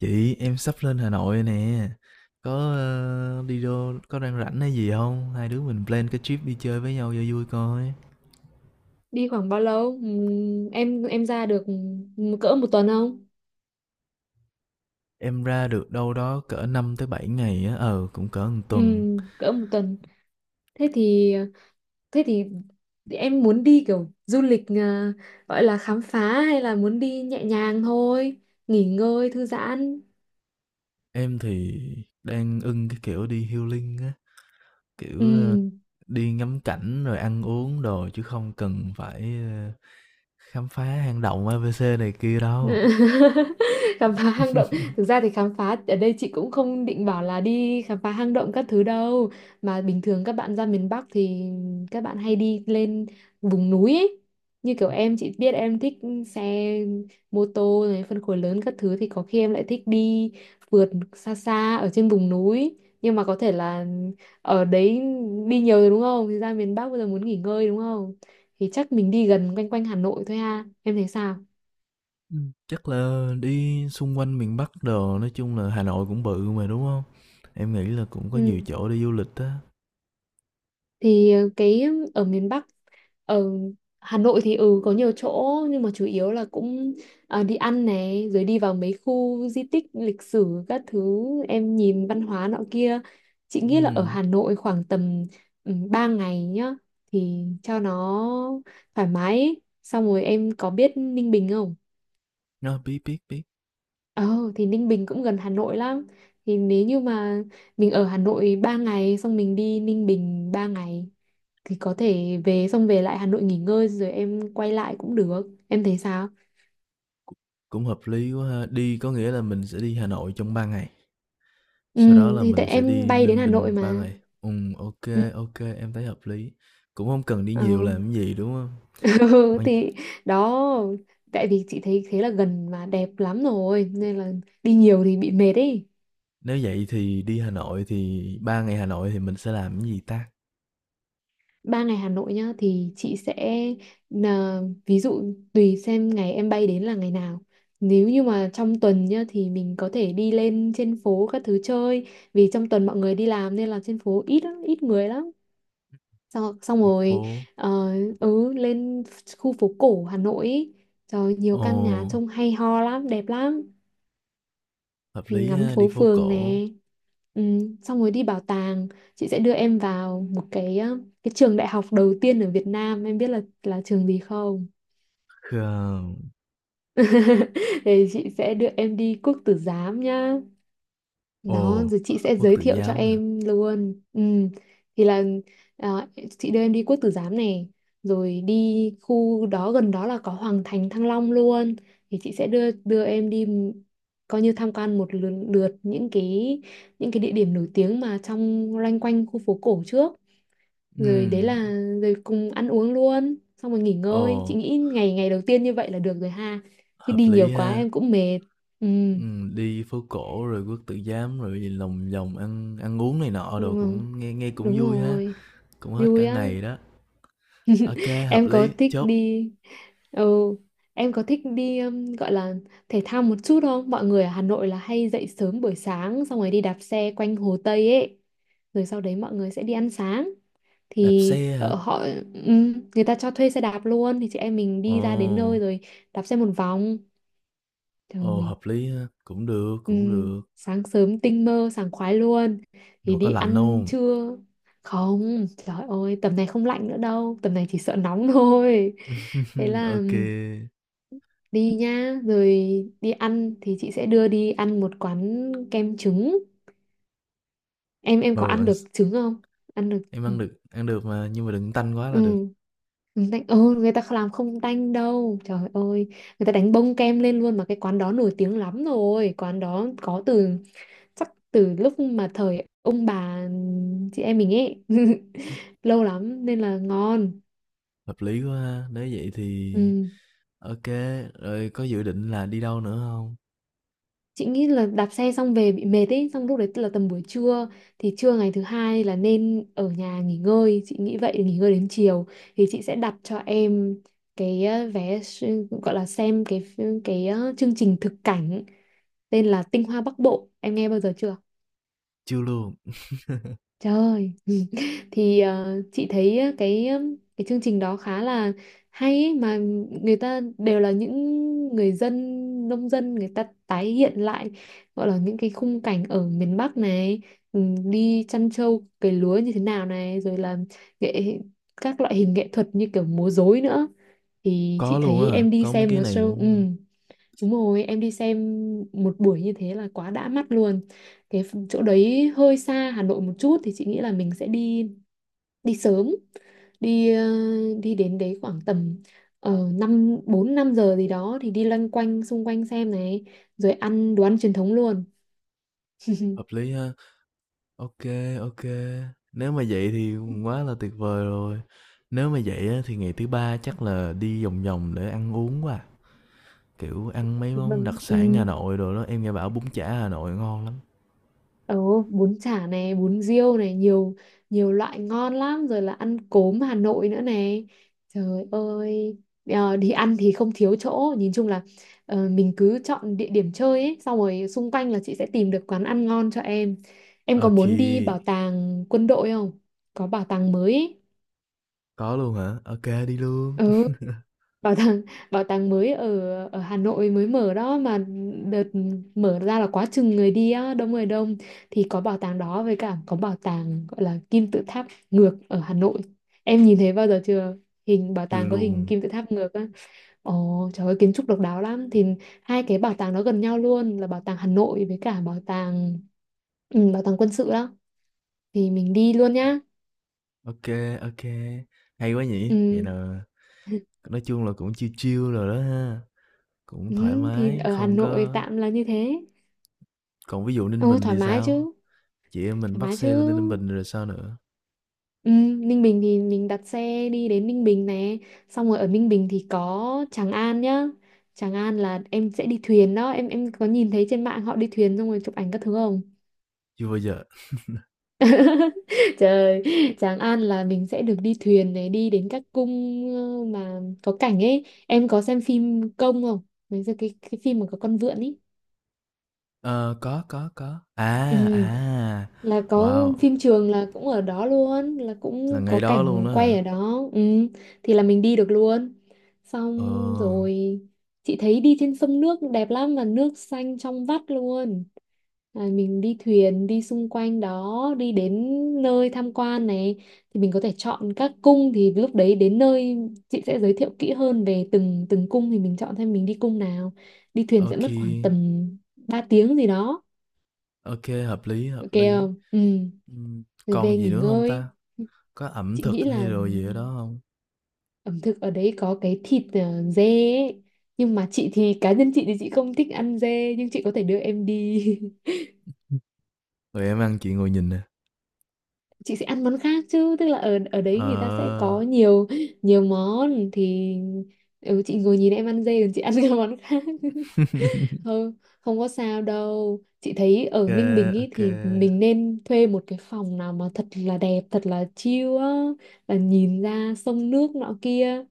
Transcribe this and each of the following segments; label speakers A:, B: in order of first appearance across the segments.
A: Chị, em sắp lên Hà Nội nè. Có đi đâu có đang rảnh hay gì không? Hai đứa mình plan cái trip đi chơi với nhau cho vui coi.
B: Đi khoảng bao lâu? Em ra được cỡ một tuần không?
A: Em ra được đâu đó cỡ 5 tới 7 ngày á, cũng cỡ một tuần.
B: Cỡ một tuần. Thế thì thế thì em muốn đi kiểu du lịch à, gọi là khám phá hay là muốn đi nhẹ nhàng thôi, nghỉ ngơi thư giãn.
A: Em thì đang ưng cái kiểu đi healing á, kiểu
B: Ừm.
A: đi ngắm cảnh rồi ăn uống đồ chứ không cần phải khám phá hang động ABC này kia đâu.
B: Khám phá hang động. Thực ra thì khám phá ở đây chị cũng không định bảo là đi khám phá hang động các thứ đâu, mà bình thường các bạn ra miền Bắc thì các bạn hay đi lên vùng núi ấy. Như kiểu em, chị biết em thích xe mô tô này phân khối lớn các thứ thì có khi em lại thích đi vượt xa xa ở trên vùng núi, nhưng mà có thể là ở đấy đi nhiều rồi đúng không, thì ra miền Bắc bây giờ muốn nghỉ ngơi đúng không, thì chắc mình đi gần quanh quanh Hà Nội thôi ha, em thấy sao?
A: Chắc là đi xung quanh miền Bắc đồ, nói chung là Hà Nội cũng bự mà, đúng không? Em nghĩ là cũng có nhiều
B: Ừ.
A: chỗ đi du lịch á.
B: Thì cái ở miền Bắc, ở Hà Nội thì ừ có nhiều chỗ nhưng mà chủ yếu là cũng đi ăn này rồi đi vào mấy khu di tích lịch sử các thứ, em nhìn văn hóa nọ kia. Chị nghĩ là ở
A: Ừm,
B: Hà Nội khoảng tầm 3 ngày nhá thì cho nó thoải mái ấy. Xong rồi em có biết Ninh Bình không?
A: nó biết, biết, biết,
B: Ờ thì Ninh Bình cũng gần Hà Nội lắm. Thì nếu như mà mình ở Hà Nội 3 ngày, xong mình đi Ninh Bình 3 ngày, thì có thể về, xong về lại Hà Nội nghỉ ngơi rồi em quay lại cũng được. Em thấy sao?
A: cũng hợp lý quá ha. Đi có nghĩa là mình sẽ đi Hà Nội trong 3 ngày,
B: Ừ,
A: sau đó là
B: thì tại
A: mình sẽ
B: em
A: đi
B: bay đến
A: Ninh
B: Hà Nội
A: Bình 3
B: mà.
A: ngày. Ok.
B: Ừ.
A: Ok, em thấy hợp lý, cũng không cần đi
B: Ờ.
A: nhiều làm cái gì, đúng không?
B: Ừ,
A: Quan,
B: thì đó, tại vì chị thấy thế là gần mà đẹp lắm rồi nên là đi nhiều thì bị mệt ấy.
A: nếu vậy thì đi Hà Nội thì 3 ngày Hà Nội thì mình sẽ làm cái gì ta?
B: 3 ngày Hà Nội nhá, thì chị sẽ là- ví dụ tùy xem ngày em bay đến là ngày nào, nếu như mà trong tuần nhá thì mình có thể đi lên trên phố các thứ chơi, vì trong tuần mọi người đi làm nên là trên phố ít lắm, ít người lắm. Xong
A: Đi
B: rồi
A: phố,
B: ờ, lên khu phố cổ Hà Nội ý. Trời ơi, nhiều căn nhà
A: ồ,
B: trông hay ho lắm, đẹp lắm.
A: hợp
B: Thì
A: lý
B: ngắm
A: ha, đi
B: phố
A: phố
B: phường nè,
A: cổ.
B: ừ, xong rồi đi bảo tàng. Chị sẽ đưa em vào một cái cái trường đại học đầu tiên ở Việt Nam, em biết là trường gì không?
A: Khờ.
B: Thì chị sẽ đưa em đi Quốc Tử Giám nhá. Đó,
A: Ồ,
B: rồi chị sẽ
A: Quốc
B: giới
A: Tử
B: thiệu cho
A: Giám hả?
B: em luôn. Ừ. Thì là à, chị đưa em đi Quốc Tử Giám này, rồi đi khu đó, gần đó là có Hoàng Thành Thăng Long luôn. Thì chị sẽ đưa đưa em đi coi như tham quan một lượt, lượt những cái, những cái địa điểm nổi tiếng mà trong loanh quanh khu phố cổ trước. Rồi đấy là
A: Ừm.
B: Rồi cùng ăn uống luôn, xong rồi nghỉ
A: Ồ,
B: ngơi. Chị nghĩ ngày ngày đầu tiên như vậy là được rồi ha. Chứ
A: hợp
B: đi nhiều
A: lý
B: quá
A: ha.
B: em cũng mệt. Ừ,
A: Đi phố cổ rồi Quốc Tử Giám rồi gì lòng vòng ăn ăn uống này nọ đồ
B: đúng không?
A: cũng nghe nghe cũng
B: Đúng
A: vui ha,
B: rồi.
A: cũng hết cả
B: Vui á.
A: ngày đó. Ok, hợp
B: Em có
A: lý,
B: thích
A: chốt.
B: đi ừ em có thích đi gọi là thể thao một chút không? Mọi người ở Hà Nội là hay dậy sớm buổi sáng, xong rồi đi đạp xe quanh Hồ Tây ấy, rồi sau đấy mọi người sẽ đi ăn sáng.
A: Đạp
B: Thì
A: xe hả?
B: ở họ, người ta cho thuê xe đạp luôn, thì chị em mình đi ra đến nơi
A: Ồ,
B: rồi đạp xe một vòng.
A: ồ,
B: Trời.
A: hợp lý ha,
B: Ừ,
A: cũng được,
B: sáng sớm tinh mơ sảng khoái luôn.
A: nhưng
B: Thì
A: mà có
B: đi
A: lạnh
B: ăn
A: không?
B: trưa. Không, trời ơi tầm này không lạnh nữa đâu, tầm này chỉ sợ nóng thôi. Thế là
A: Ok, kê,
B: ừ, đi nhá. Rồi đi ăn thì chị sẽ đưa đi ăn một quán kem trứng. Em có
A: ừ,
B: ăn
A: ăn
B: được
A: s,
B: trứng không? Ăn được,
A: em
B: ừ.
A: ăn được mà, nhưng mà đừng tanh quá
B: Ừ,
A: là được.
B: trứng tanh, ừ, người ta làm không tanh đâu trời ơi, người ta đánh bông kem lên luôn mà. Cái quán đó nổi tiếng lắm rồi, quán đó có từ, chắc từ lúc mà thời ông bà chị em mình ấy lâu lắm nên là ngon.
A: Hợp lý quá ha, nếu vậy thì
B: Ừ.
A: OK, rồi có dự định là đi đâu nữa hông?
B: Chị nghĩ là đạp xe xong về bị mệt ấy, xong lúc đấy là tầm buổi trưa, thì trưa ngày thứ hai là nên ở nhà nghỉ ngơi, chị nghĩ vậy. Nghỉ ngơi đến chiều thì chị sẽ đặt cho em cái vé gọi là xem cái chương trình thực cảnh tên là Tinh Hoa Bắc Bộ, em nghe bao giờ chưa?
A: Chưa luôn?
B: Trời ơi. Ừ. Thì chị thấy á, cái chương trình đó khá là hay ấy, mà người ta đều là những người dân, nông dân, người ta tái hiện lại, gọi là những cái khung cảnh ở miền Bắc này, đi chăn trâu cày lúa như thế nào này, rồi là nghệ các loại hình nghệ thuật như kiểu múa rối nữa. Thì
A: Có
B: chị
A: luôn á
B: thấy
A: hả?
B: em đi
A: Có mấy
B: xem
A: cái
B: một
A: này
B: show, ừ.
A: luôn á hả?
B: Đúng rồi, em đi xem một buổi như thế là quá đã mắt luôn. Cái chỗ đấy hơi xa Hà Nội một chút, thì chị nghĩ là mình sẽ đi đi sớm, đi đi đến đấy khoảng tầm 4 5 giờ gì đó, thì đi loanh quanh xung quanh xem này, rồi ăn đồ ăn truyền thống luôn.
A: Hợp lý ha. OK, OK. Nếu mà vậy thì quá là tuyệt vời rồi. Nếu mà vậy á thì ngày thứ Ba chắc là đi vòng vòng để ăn uống quá à, kiểu, ăn mấy món
B: Vâng.
A: đặc sản Hà
B: Ừ.
A: Nội đồ đó, em nghe bảo bún chả Hà Nội ngon lắm.
B: Ừ, bún chả này, bún riêu này, nhiều, nhiều loại ngon lắm, rồi là ăn cốm Hà Nội nữa này. Trời ơi, đi ăn thì không thiếu chỗ, nhìn chung là mình cứ chọn địa điểm chơi ấy, xong rồi xung quanh là chị sẽ tìm được quán ăn ngon cho em. Em
A: Ô
B: có
A: kê,
B: muốn đi bảo tàng quân đội không? Có bảo tàng mới ấy.
A: có luôn hả? OK, đi luôn.
B: Ừ, bảo tàng bảo tàng mới ở ở Hà Nội mới mở đó mà, đợt mở ra là quá chừng người đi á, đông người đông. Thì có bảo tàng đó, với cả có bảo tàng gọi là kim tự tháp ngược ở Hà Nội, em nhìn thấy bao giờ chưa? Hình bảo
A: Chưa
B: tàng có hình
A: luôn.
B: kim tự tháp ngược á. Ồ, trời ơi kiến trúc độc đáo lắm. Thì hai cái bảo tàng đó gần nhau luôn, là bảo tàng Hà Nội với cả bảo tàng, ừ, bảo tàng quân sự đó, thì mình đi luôn nhá.
A: OK, OK. Hay quá
B: Ừ,
A: nhỉ? Vậy là nói chung là cũng chill chill rồi đó ha, cũng
B: ừ,
A: thoải
B: thì
A: mái,
B: ở Hà
A: không
B: Nội
A: có.
B: tạm là như thế.
A: Còn ví dụ Ninh
B: Ồ
A: Bình
B: thoải
A: thì
B: mái
A: sao?
B: chứ.
A: Chị em mình
B: Thoải
A: bắt
B: mái chứ.
A: xe lên Ninh Bình rồi sao nữa?
B: Ừ, Ninh Bình thì mình đặt xe đi đến Ninh Bình này, xong rồi ở Ninh Bình thì có Tràng An nhá. Tràng An là em sẽ đi thuyền đó, em có nhìn thấy trên mạng họ đi thuyền xong rồi chụp ảnh các thứ không?
A: Chưa bao giờ.
B: Trời. Tràng An là mình sẽ được đi thuyền này, đi đến các cung, mà có cảnh ấy. Em có xem phim Công không? Mấy giờ cái phim mà có con vượn ấy.
A: Ờ, có, có.
B: Ừ.
A: À, à,
B: Là có
A: wow,
B: phim trường là cũng ở đó luôn, là
A: là
B: cũng
A: ngày
B: có
A: đó luôn
B: cảnh
A: đó hả?
B: quay ở đó, ừ. Thì là mình đi được luôn, xong
A: Ờ,
B: rồi chị thấy đi trên sông nước đẹp lắm mà nước xanh trong vắt luôn. À, mình đi thuyền đi xung quanh đó, đi đến nơi tham quan này, thì mình có thể chọn các cung. Thì lúc đấy đến nơi chị sẽ giới thiệu kỹ hơn về từng từng cung, thì mình chọn xem mình đi cung nào. Đi thuyền
A: ok,
B: sẽ mất
A: kê,
B: khoảng tầm 3 tiếng gì đó.
A: hợp lý, hợp
B: Ok,
A: lý.
B: không, ừ,
A: Ừm,
B: rồi về
A: còn gì
B: nghỉ
A: nữa không
B: ngơi.
A: ta? Có ẩm
B: Chị nghĩ
A: thực hay
B: là
A: đồ gì ở đó không?
B: ẩm thực ở đấy có cái thịt dê ấy. Nhưng mà chị thì cá nhân chị thì chị không thích ăn dê, nhưng chị có thể đưa em đi.
A: Tụi em ăn chị ngồi nhìn nè.
B: Chị sẽ ăn món khác, chứ tức là ở ở đấy người ta sẽ có
A: Ờ.
B: nhiều, nhiều món. Thì ừ, chị ngồi nhìn em ăn dê còn chị ăn các món khác.
A: ok,
B: Không, không có sao đâu. Chị thấy ở
A: kê,
B: Ninh Bình ý thì
A: ô,
B: mình nên thuê một cái phòng nào mà thật là đẹp, thật là chill á, là nhìn ra sông nước nọ kia.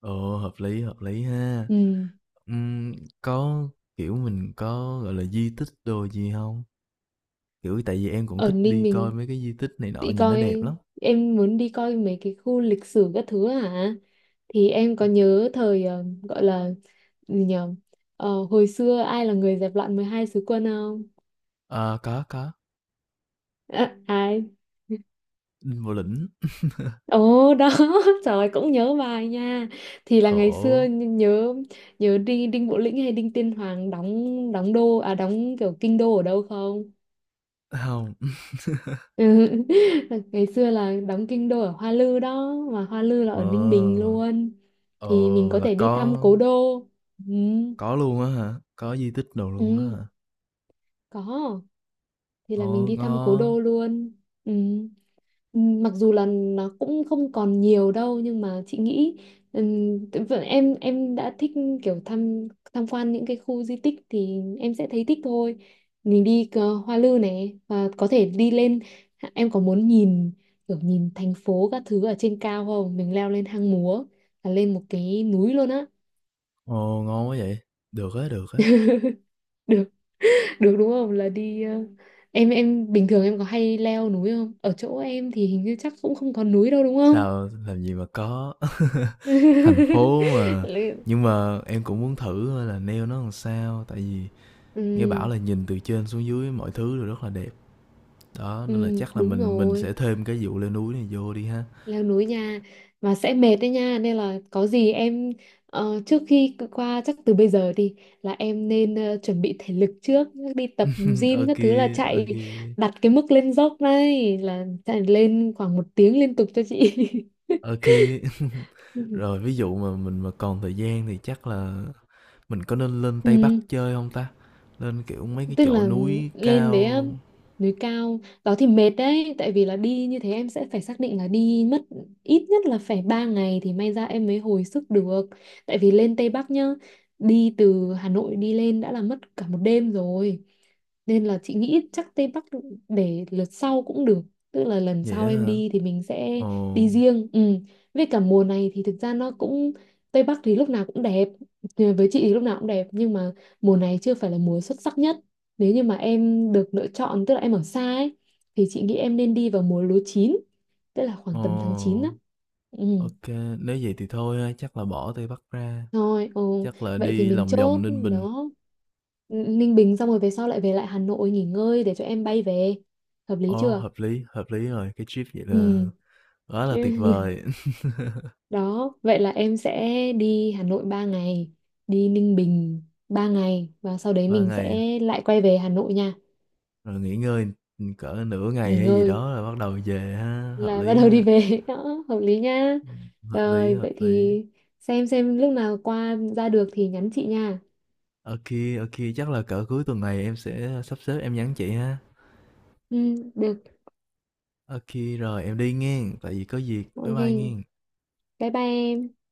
A: ồ, hợp lý ha.
B: Ừ.
A: Ừm, có, kiểu, mình có, gọi là, di tích đồ gì không? Kiểu, tại vì em cũng
B: Ở
A: thích
B: Ninh
A: đi coi
B: mình
A: mấy cái di tích này nọ,
B: đi
A: nhìn nó đẹp
B: coi,
A: lắm.
B: em muốn đi coi mấy cái khu lịch sử các thứ hả? Thì em có
A: Ừm,
B: nhớ thời gọi là gì nhở? Ờ, hồi xưa ai là người dẹp loạn 12 sứ quân không?
A: ờ, có,
B: À, ai?
A: Đinh Bộ Lĩnh.
B: Ồ đó, trời ơi, cũng nhớ bài nha. Thì là ngày xưa
A: Khổ.
B: nhớ nhớ đi, Đinh Bộ Lĩnh hay Đinh Tiên Hoàng đóng đóng đô à, đóng kiểu kinh đô ở đâu không?
A: Không.
B: Ừ. Ngày xưa là đóng kinh đô ở Hoa Lư đó mà, Hoa Lư là ở Ninh Bình
A: Ờ,
B: luôn.
A: ờ,
B: Thì mình có
A: là
B: thể đi thăm
A: có
B: cố đô, ừ.
A: có luôn á hả? Có di tích đồ luôn đó
B: Ừ.
A: hả?
B: Có, thì là
A: Ồ,
B: mình đi thăm cố
A: ngon,
B: đô luôn, ừ. Mặc dù là nó cũng không còn nhiều đâu, nhưng mà chị nghĩ em đã thích kiểu tham tham quan những cái khu di tích thì em sẽ thấy thích thôi. Mình đi cờ Hoa Lư này và có thể đi lên. Em có muốn nhìn, kiểu nhìn thành phố các thứ ở trên cao không? Mình leo lên hang múa, là lên một cái núi luôn á.
A: ồ, ngon quá vậy, được á,
B: Được. Được đúng không, là đi em bình thường em có hay leo núi không? Ở chỗ em thì hình như chắc cũng không có núi đâu đúng không?
A: sao làm gì mà có. Thành phố mà, nhưng mà em cũng muốn thử coi là nail nó làm sao, tại vì nghe bảo
B: Ừ,
A: là nhìn từ trên xuống dưới mọi thứ đều rất là đẹp. Đó, nên là
B: ừ,
A: chắc là
B: đúng
A: mình sẽ
B: rồi,
A: thêm cái vụ leo núi này vô đi ha.
B: leo núi nha, mà sẽ mệt đấy nha, nên là có gì em trước khi qua, chắc từ bây giờ đi là em nên chuẩn bị thể lực trước, đi tập gym
A: Ok,
B: các thứ, là chạy
A: ok,
B: đặt cái mức lên dốc này, là chạy lên khoảng một tiếng liên tục cho chị.
A: ok. Rồi ví dụ mà mình mà còn thời gian thì chắc là mình có nên lên Tây Bắc
B: Ừ.
A: chơi không ta? Lên, kiểu, mấy cái
B: Tức
A: chỗ
B: là
A: núi
B: lên đấy á,
A: cao,
B: núi cao đó thì mệt đấy, tại vì là đi như thế em sẽ phải xác định là đi mất ít nhất là phải 3 ngày thì may ra em mới hồi sức được, tại vì lên Tây Bắc nhá, đi từ Hà Nội đi lên đã là mất cả một đêm rồi. Nên là chị nghĩ chắc Tây Bắc để lượt sau cũng được, tức là lần
A: vậy
B: sau
A: á
B: em
A: hả?
B: đi thì mình sẽ
A: Ồ,
B: đi riêng, ừ. Với cả mùa này thì thực ra nó cũng, Tây Bắc thì lúc nào cũng đẹp, với chị thì lúc nào cũng đẹp, nhưng mà mùa này chưa phải là mùa xuất sắc nhất. Nếu như mà em được lựa chọn, tức là em ở xa ấy, thì chị nghĩ em nên đi vào mùa lúa chín, tức là khoảng
A: ồ,
B: tầm tháng 9 đó. Ừ,
A: ok, nếu vậy thì thôi ha, chắc là bỏ Tây Bắc ra,
B: thôi, ừ.
A: chắc là
B: Vậy thì
A: đi
B: mình
A: lòng vòng
B: chốt
A: Ninh Bình.
B: đó. Ninh Bình xong rồi về sau lại về lại Hà Nội nghỉ ngơi để cho em bay về. Hợp lý
A: Ồ,
B: chưa?
A: hợp lý rồi, cái trip vậy là
B: Ừ.
A: quá là
B: Chứ...
A: tuyệt vời.
B: Đó, vậy là em sẽ đi Hà Nội 3 ngày, đi Ninh Bình 3 ngày, và sau đấy
A: Ba
B: mình
A: ngày,
B: sẽ lại quay về Hà Nội nha,
A: rồi nghỉ ngơi, ừ, cỡ nửa ngày
B: nghỉ
A: hay gì
B: ngơi.
A: đó rồi bắt đầu về
B: Là bắt đầu đi
A: ha,
B: về đó, hợp lý nha.
A: hợp lý,
B: Rồi
A: hợp
B: vậy
A: lý.
B: thì xem lúc nào qua ra được thì nhắn chị nha.
A: Ok, ok, chắc là cỡ cuối tuần này em sẽ sắp xếp em nhắn chị ha.
B: Ừ, được.
A: Ô, rồi em đi nghen, tại vì có việc. Bye
B: Ok,
A: bye nghen.
B: bye bye em.